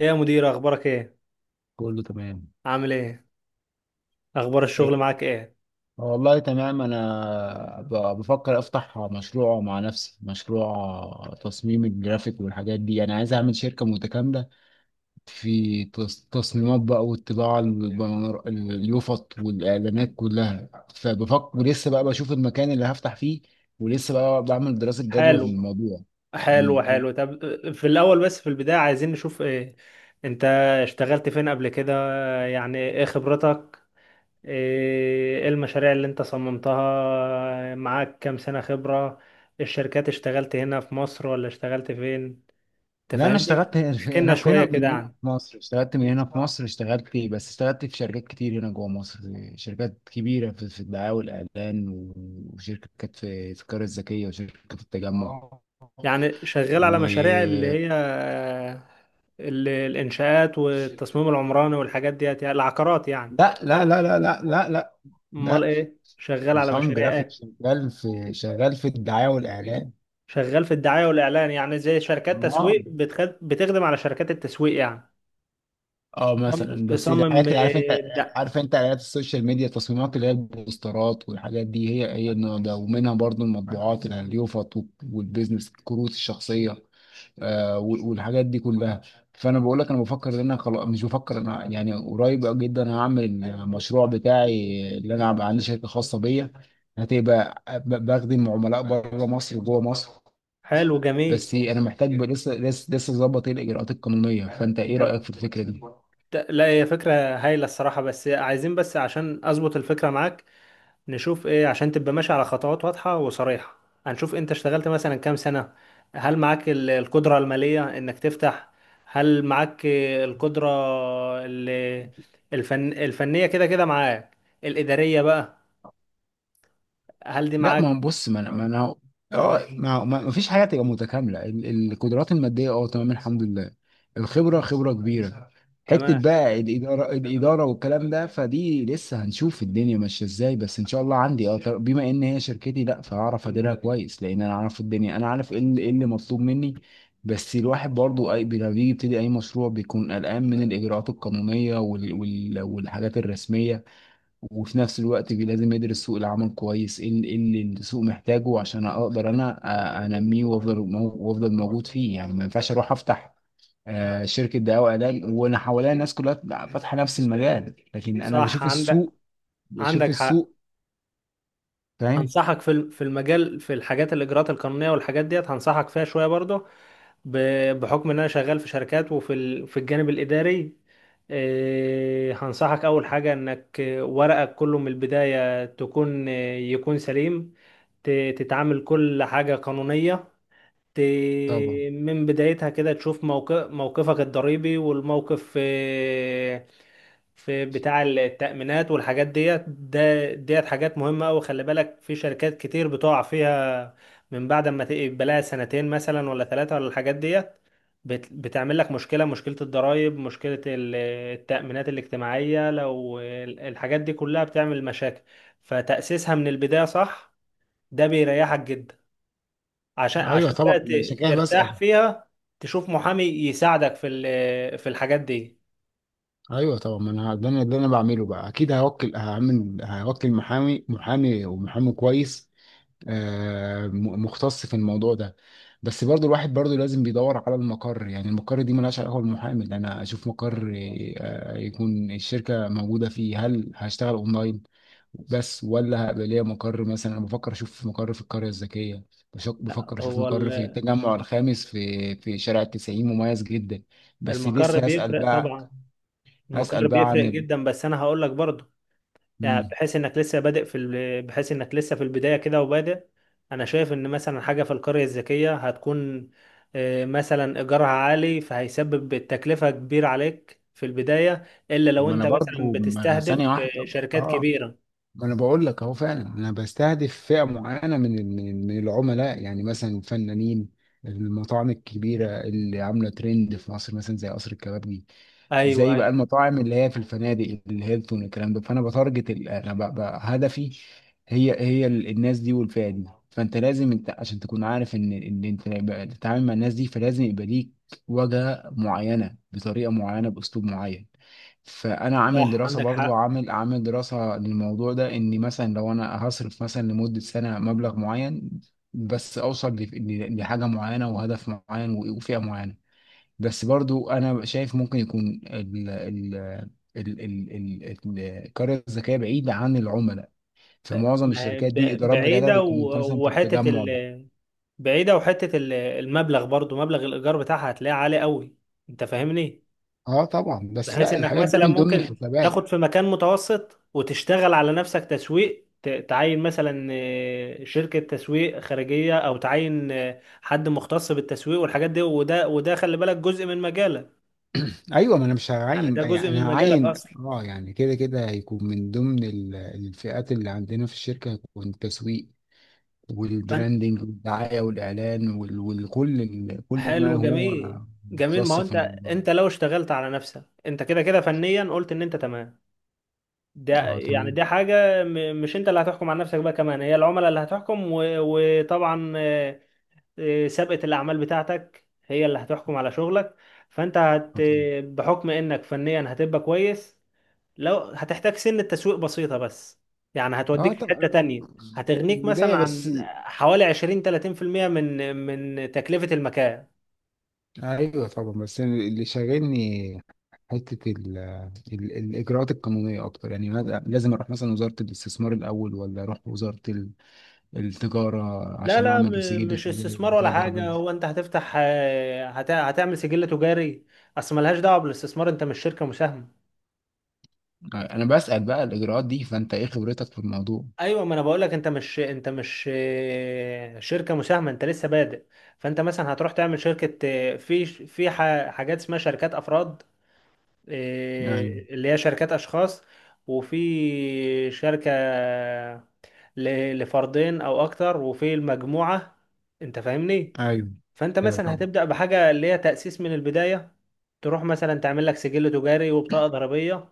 إيه يا مدير، اخبارك ايه؟ كله تمام. عامل ايه؟ اخبار الشغل ايه. معاك ايه؟ والله تمام. انا بفكر افتح مشروع مع نفسي، مشروع تصميم الجرافيك والحاجات دي. انا عايز اعمل شركة متكاملة في تصميمات بقى، والطباعة، اليوفط والاعلانات كلها. فبفكر لسه بقى بشوف المكان اللي هفتح فيه، ولسه بقى بعمل دراسة جدوى في حلو، الموضوع. حلو مم. حلو. طب، في الاول، بس في البداية عايزين نشوف ايه. انت اشتغلت فين قبل كده؟ يعني ايه خبرتك؟ إيه المشاريع اللي انت صممتها؟ معاك كام سنة خبرة؟ الشركات اشتغلت هنا في مصر ولا اشتغلت فين؟ لا، انا تفهمني. اشتغلت هنا احكي في لنا انا في شوية هنا من كده هنا عنك. في مصر اشتغلت بس اشتغلت في شركات كتير هنا جوه مصر. شركات كبيره في الدعايه والاعلان، وشركات في القريه الذكيه، وشركه في التجمع. اه يعني شغال على مشاريع اللي و هي الانشاءات والتصميم العمراني والحاجات ديت، يعني العقارات يعني؟ لا، لا، لا، لا، لا، لا، لا، امال لا. ايه؟ شغال على مصمم مشاريع جرافيك ايه؟ شغال في الدعايه والاعلان. شغال في الدعايه والاعلان، يعني زي شركات اه، تسويق بتخدم على شركات التسويق يعني؟ اه، تصمم مثلا بس تصمم، الحاجات اللي عارف انت لا. عارف انت اعلانات السوشيال ميديا، التصميمات اللي هي البوسترات والحاجات دي. هي النوع ده، ومنها برضو المطبوعات اليوفط، والبيزنس الكروت الشخصيه. والحاجات دي كلها. فانا بقول لك انا بفكر ان انا خلاص، مش بفكر انا يعني، قريب جدا هعمل المشروع بتاعي، اللي انا هبقى عندي شركه خاصه بيا، هتبقى بخدم عملاء بره مصر وجوه مصر. حلو، جميل. بس انا محتاج لسه ظبط الاجراءات القانونيه. فانت ايه طب، رايك في الفكره دي؟ لا، هي فكره هايله الصراحه، بس عايزين بس عشان اظبط الفكره معاك. نشوف ايه عشان تبقى ماشي على خطوات واضحة وصريحة. هنشوف انت اشتغلت مثلا كام سنة. هل معاك القدرة المالية انك تفتح؟ هل معاك القدرة ال- الفنية؟ كده كده معاك الإدارية بقى، هل دي لا، ما معاك؟ هو بص، ما انا ما. انا ما فيش حاجه تبقى متكامله. القدرات الماديه، تمام الحمد لله. الخبره خبره كبيره. حته تمام، بقى الاداره، والكلام ده، فدي لسه هنشوف الدنيا ماشيه ازاي. بس ان شاء الله عندي بما ان هي شركتي، لا، فهعرف اديرها كويس، لان انا عارف الدنيا، انا عارف ايه اللي إيه اللي مطلوب مني. بس الواحد برضو اي لما بيجي يبتدي اي مشروع بيكون قلقان من الاجراءات القانونيه والحاجات الرسميه، وفي نفس الوقت لازم يدرس سوق العمل كويس، ايه إيه اللي السوق محتاجه عشان اقدر انا انميه وافضل موجود فيه. يعني ما ينفعش اروح افتح شركة دواء وعلاج وانا حواليا الناس كلها فاتحة نفس المجال، لكن انا صح. بشوف عندك السوق. بشوف عندك حق. السوق. فاهم. هنصحك في في المجال، في الحاجات الإجراءات القانونية والحاجات ديت، هنصحك فيها شوية برضه. بحكم ان انا شغال في شركات، وفي في الجانب الاداري. هنصحك اول حاجه انك ورقك كله من البدايه تكون يكون سليم. تتعامل كل حاجه قانونيه طبعا. من بدايتها كده، تشوف موقفك الضريبي، والموقف في في بتاع التأمينات والحاجات ديت. ديت حاجات مهمة أوي، خلي بالك، في شركات كتير بتقع فيها من بعد ما تبقى لها سنتين مثلا ولا ثلاثة ولا الحاجات ديت. بتعمل لك مشكلة، مشكلة الضرائب، مشكلة التأمينات الاجتماعية، لو الحاجات دي كلها بتعمل مشاكل. فتأسيسها من البداية صح، ده بيريحك جدا، عشان ايوه طبعا، عشان كده بسأل. ترتاح فيها. تشوف محامي يساعدك في في الحاجات دي. ايوه طبعا، ما انا ده انا بعمله بقى، اكيد هوكل محامي، ومحامي كويس مختص في الموضوع ده. بس برضو الواحد برضو لازم بيدور على المقر. يعني المقر دي ملهاش علاقة بالمحامي، لأن أنا أشوف مقر يكون الشركة موجودة فيه. هل هشتغل أونلاين بس، ولا هيبقى ليا مقر؟ مثلا أنا بفكر أشوف مقر في القرية الذكية. لا بفكر أشوف هو مقر في التجمع الخامس، في شارع التسعين، مميز جدا. بس المقر لسه هسأل بيفرق بقى. طبعا. هسأل المقر بقى عن بيفرق جدا، بس انا هقول لك برضه، يعني مم. بحيث انك لسه في البداية كده وبادئ. انا شايف ان مثلا حاجة في القرية الذكية هتكون مثلا ايجارها عالي، فهيسبب تكلفة كبيرة عليك في البداية، الا لو ما أنا انت مثلا برضو، ما أنا بتستهدف ثانية واحدة. شركات آه كبيرة. ما انا بقول لك اهو، فعلا انا بستهدف فئه معينه من العملاء. يعني مثلا الفنانين، المطاعم الكبيره اللي عامله ترند في مصر، مثلا زي قصر الكبابجي، ايوه، زي بقى ايوه. المطاعم اللي هي في الفنادق الهيلتون والكلام ده. فانا بتارجت انا هدفي، هي الناس دي والفئه دي. فانت لازم انت، عشان تكون عارف ان انت بقى تتعامل مع الناس دي، فلازم يبقى ليك واجهه معينه، بطريقه معينه، باسلوب معين. فانا عامل صح، دراسه، عندك برضو حق. عامل دراسه للموضوع ده، اني مثلا لو انا هصرف مثلا لمده سنه مبلغ معين، بس اوصل لحاجه معينه، وهدف معين، وفئه معينه. بس برضو انا شايف ممكن يكون ال ال ال ال ال القرية الذكية بعيدة عن العملاء. فمعظم ما- الشركات دي ب- الإدارات بتاعتها بعيدة بتكون مثلا و- في وحتة التجمع. ال بعيدة، وحتة المبلغ برضو، مبلغ الإيجار بتاعها هتلاقيه عالي قوي. أنت فاهمني؟ اه طبعا، بس بحيث لا، إنك الحاجات دي مثلا من ضمن ممكن الحسابات. تاخد في مكان متوسط وتشتغل على نفسك تسويق، تعين مثلا شركة تسويق خارجية، أو تعين حد مختص بالتسويق والحاجات دي. وده خلي بالك، جزء من مجالك، ايوه، ما انا مش يعني هعين، ده يعني جزء من انا مجالك هعين، أصلا. يعني كده كده هيكون من ضمن الفئات اللي عندنا في الشركه، هيكون التسويق فأنت، والبراندنج والدعايه والاعلان، وكل كل ما حلو، هو جميل. جميل، ما مختص هو في أنت، الموضوع. أنت لو اشتغلت على نفسك، أنت كده كده فنيا قلت إن أنت تمام. ده اه يعني تمام. دي حاجة مش انت اللي هتحكم على نفسك بقى، كمان هي العملاء اللي هتحكم، وطبعا سابقة الأعمال بتاعتك هي اللي هتحكم على شغلك. فانت بحكم انك فنيا هتبقى كويس، لو هتحتاج سن التسويق بسيطة بس، يعني اه هتوديك في حتة طبعا. تانية. في هتغنيك مثلا البداية بس. عن حوالي 20-30% من تكلفة المكان. ايوه طبعا، بس اللي شاغلني حتة الإجراءات القانونية أكتر. يعني لازم أروح مثلا وزارة الاستثمار الأول، ولا أروح وزارة التجارة، لا عشان لا، أعمل سجل مش التجارة، استثمار بطاقة ولا حاجة. ضريبية. هو انت هتفتح هتعمل سجل تجاري. اصل ملهاش دعوة بالاستثمار، انت مش شركة مساهمة. أنا بسأل بقى الإجراءات دي. فأنت إيه خبرتك في الموضوع؟ ايوه، ما انا بقول لك، انت مش شركة مساهمة، انت لسه بادئ. فانت مثلا هتروح تعمل شركة، في في حاجات اسمها شركات افراد، أيوه. اللي هي شركات اشخاص، وفي شركة، لفردين او اكتر، وفي المجموعة. انت فاهمني؟ أيوه. فانت أيوه مثلا طبعا. هتبدا بحاجه اللي هي تاسيس من البدايه، تروح مثلا تعمل لك سجل تجاري وبطاقه ضريبيه.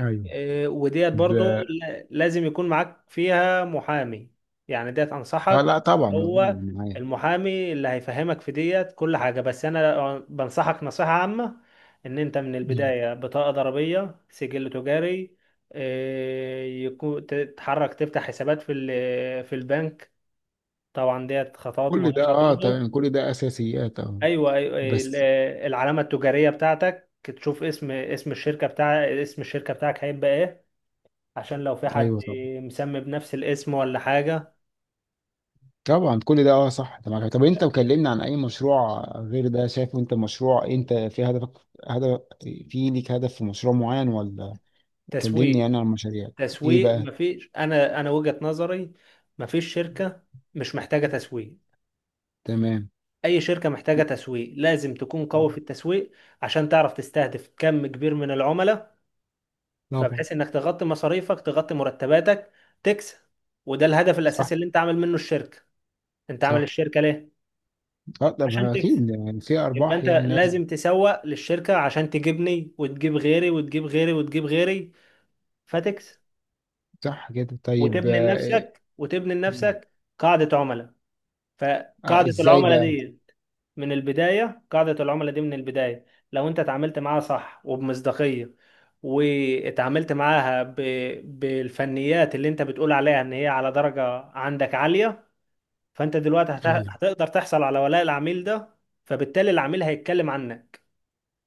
أيوه وديت برضو ب... لازم يكون معاك فيها محامي، يعني ديت آه انصحك. لا، طبعا، معايا هو معايا. المحامي اللي هيفهمك في ديت كل حاجه، بس انا بنصحك نصيحه عامه، ان انت من مم. البدايه بطاقه ضريبيه، سجل تجاري، يكون تتحرك تفتح حسابات في في البنك. طبعا ديت خطوات كل ده مهمه برضو. تمام، كل ده أساسيات ايوه، ايوه بس، العلامه التجاريه بتاعتك، تشوف اسم الشركه بتاعك هيبقى ايه، عشان لو في حد أيوه، طبعا. مسمي بنفس الاسم ولا حاجه. طبعا، كل ده صح. انت معاك؟ طب انت مكلمنا عن اي مشروع غير ده؟ شايفه انت مشروع؟ انت في هدفك هدف، في ليك هدف في مشروع معين؟ ولا كلمني تسويق، انا عن المشاريع. ايه تسويق. بقى؟ مفيش، انا وجهه نظري، مفيش شركه مش محتاجه تسويق. تمام. اي شركه محتاجه تسويق، لازم تكون قوي طبعا. في التسويق، عشان تعرف تستهدف كم كبير من العملاء، طبعا. فبحيث انك تغطي مصاريفك، تغطي مرتباتك، تكسب. وده الهدف الاساسي صح. اللي انت عامل منه الشركه. انت عامل صح. الشركه ليه؟ اه طب عشان تكسب. اكيد يعني في يبقى ارباح، انت يعني لازم. لازم تسوق للشركة، عشان تجيبني، وتجيب غيري، وتجيب غيري، وتجيب غيري، فتكسب، صح كده، طيب. وتبني لنفسك، وتبني آه، لنفسك قاعدة عملاء. فقاعدة ازاي العملاء بقى؟ دي من البداية، قاعدة العملاء دي من البداية، لو انت اتعاملت معاها صح وبمصداقية، واتعاملت معاها بالفنيات اللي انت بتقول عليها ان هي على درجة عندك عالية، فانت دلوقتي ايوه. هتقدر تحصل على ولاء العميل ده، فبالتالي العميل هيتكلم عنك،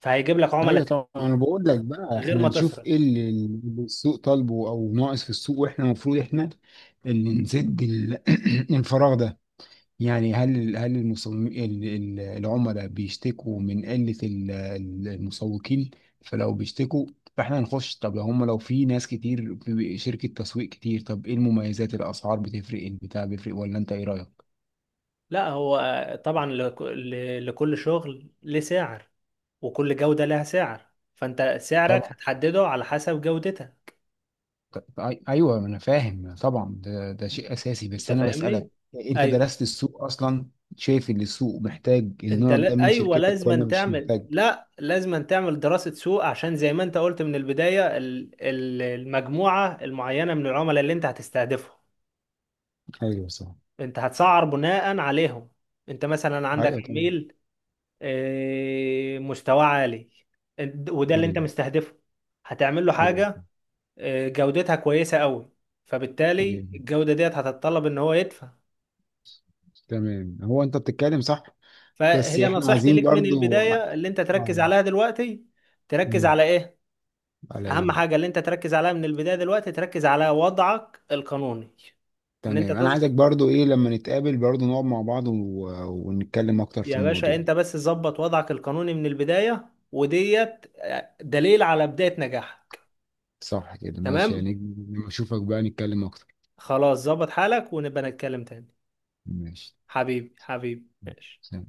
فهيجيب لك عملاء ايوه طبعا، تانيين، انا بقول لك بقى، غير احنا ما نشوف تسرق. ايه اللي السوق طالبه، او ناقص في السوق، واحنا المفروض احنا اللي نسد الفراغ ده. يعني هل المصمم، العملاء بيشتكوا من قلة المسوقين؟ فلو بيشتكوا، فاحنا هنخش. طب لو هم لو في ناس كتير، في شركة تسويق كتير، طب ايه المميزات؟ الاسعار بتفرق؟ البتاع بيفرق؟ ولا انت ايه رأيك؟ لا هو طبعا لكل شغل ليه سعر، وكل جودة لها سعر، فانت سعرك طبعا. هتحدده على حسب جودتها. ايوه انا فاهم طبعا، ده شيء اساسي. انت بس انا فاهمني؟ بسألك، انت ايوه. درست السوق اصلا؟ شايف ان السوق محتاج انت، النوع ده لا، من ايوه، شركتك، ولا لازم مش تعمل محتاج؟ لا لازم تعمل دراسة سوق، عشان زي ما انت قلت من البداية المجموعة المعينة من العملاء اللي انت هتستهدفهم، ايوه صح. انت هتسعر بناء عليهم. انت مثلا عندك ايوه تمام. عميل مستواه عالي، وده اللي انت ايوه. مستهدفه، هتعمل له ايوه. حاجة جودتها كويسة قوي، فبالتالي ايوه. الجودة ديت هتتطلب ان هو يدفع. تمام، هو انت بتتكلم صح. بس فهي احنا نصيحتي عايزين ليك من برضو. البداية، اللي انت اه. تركز عليها دلوقتي، تركز امم على ايه؟ على اهم ايه. حاجة اللي انت تركز عليها من البداية دلوقتي، تركز على وضعك القانوني. ان انت تمام، انا عايزك تظبط، برضو ايه، لما نتقابل برضو نقعد مع بعض ونتكلم اكتر في يا باشا، الموضوع. انت بس تظبط وضعك القانوني من البداية، وديت دليل على بداية نجاحك. صح كده، ماشي تمام، يعني. لما اشوفك بقى نتكلم اكتر. خلاص، ظبط حالك ونبقى نتكلم تاني. ماشي. حبيبي، حبيبي، ماشي. سلام.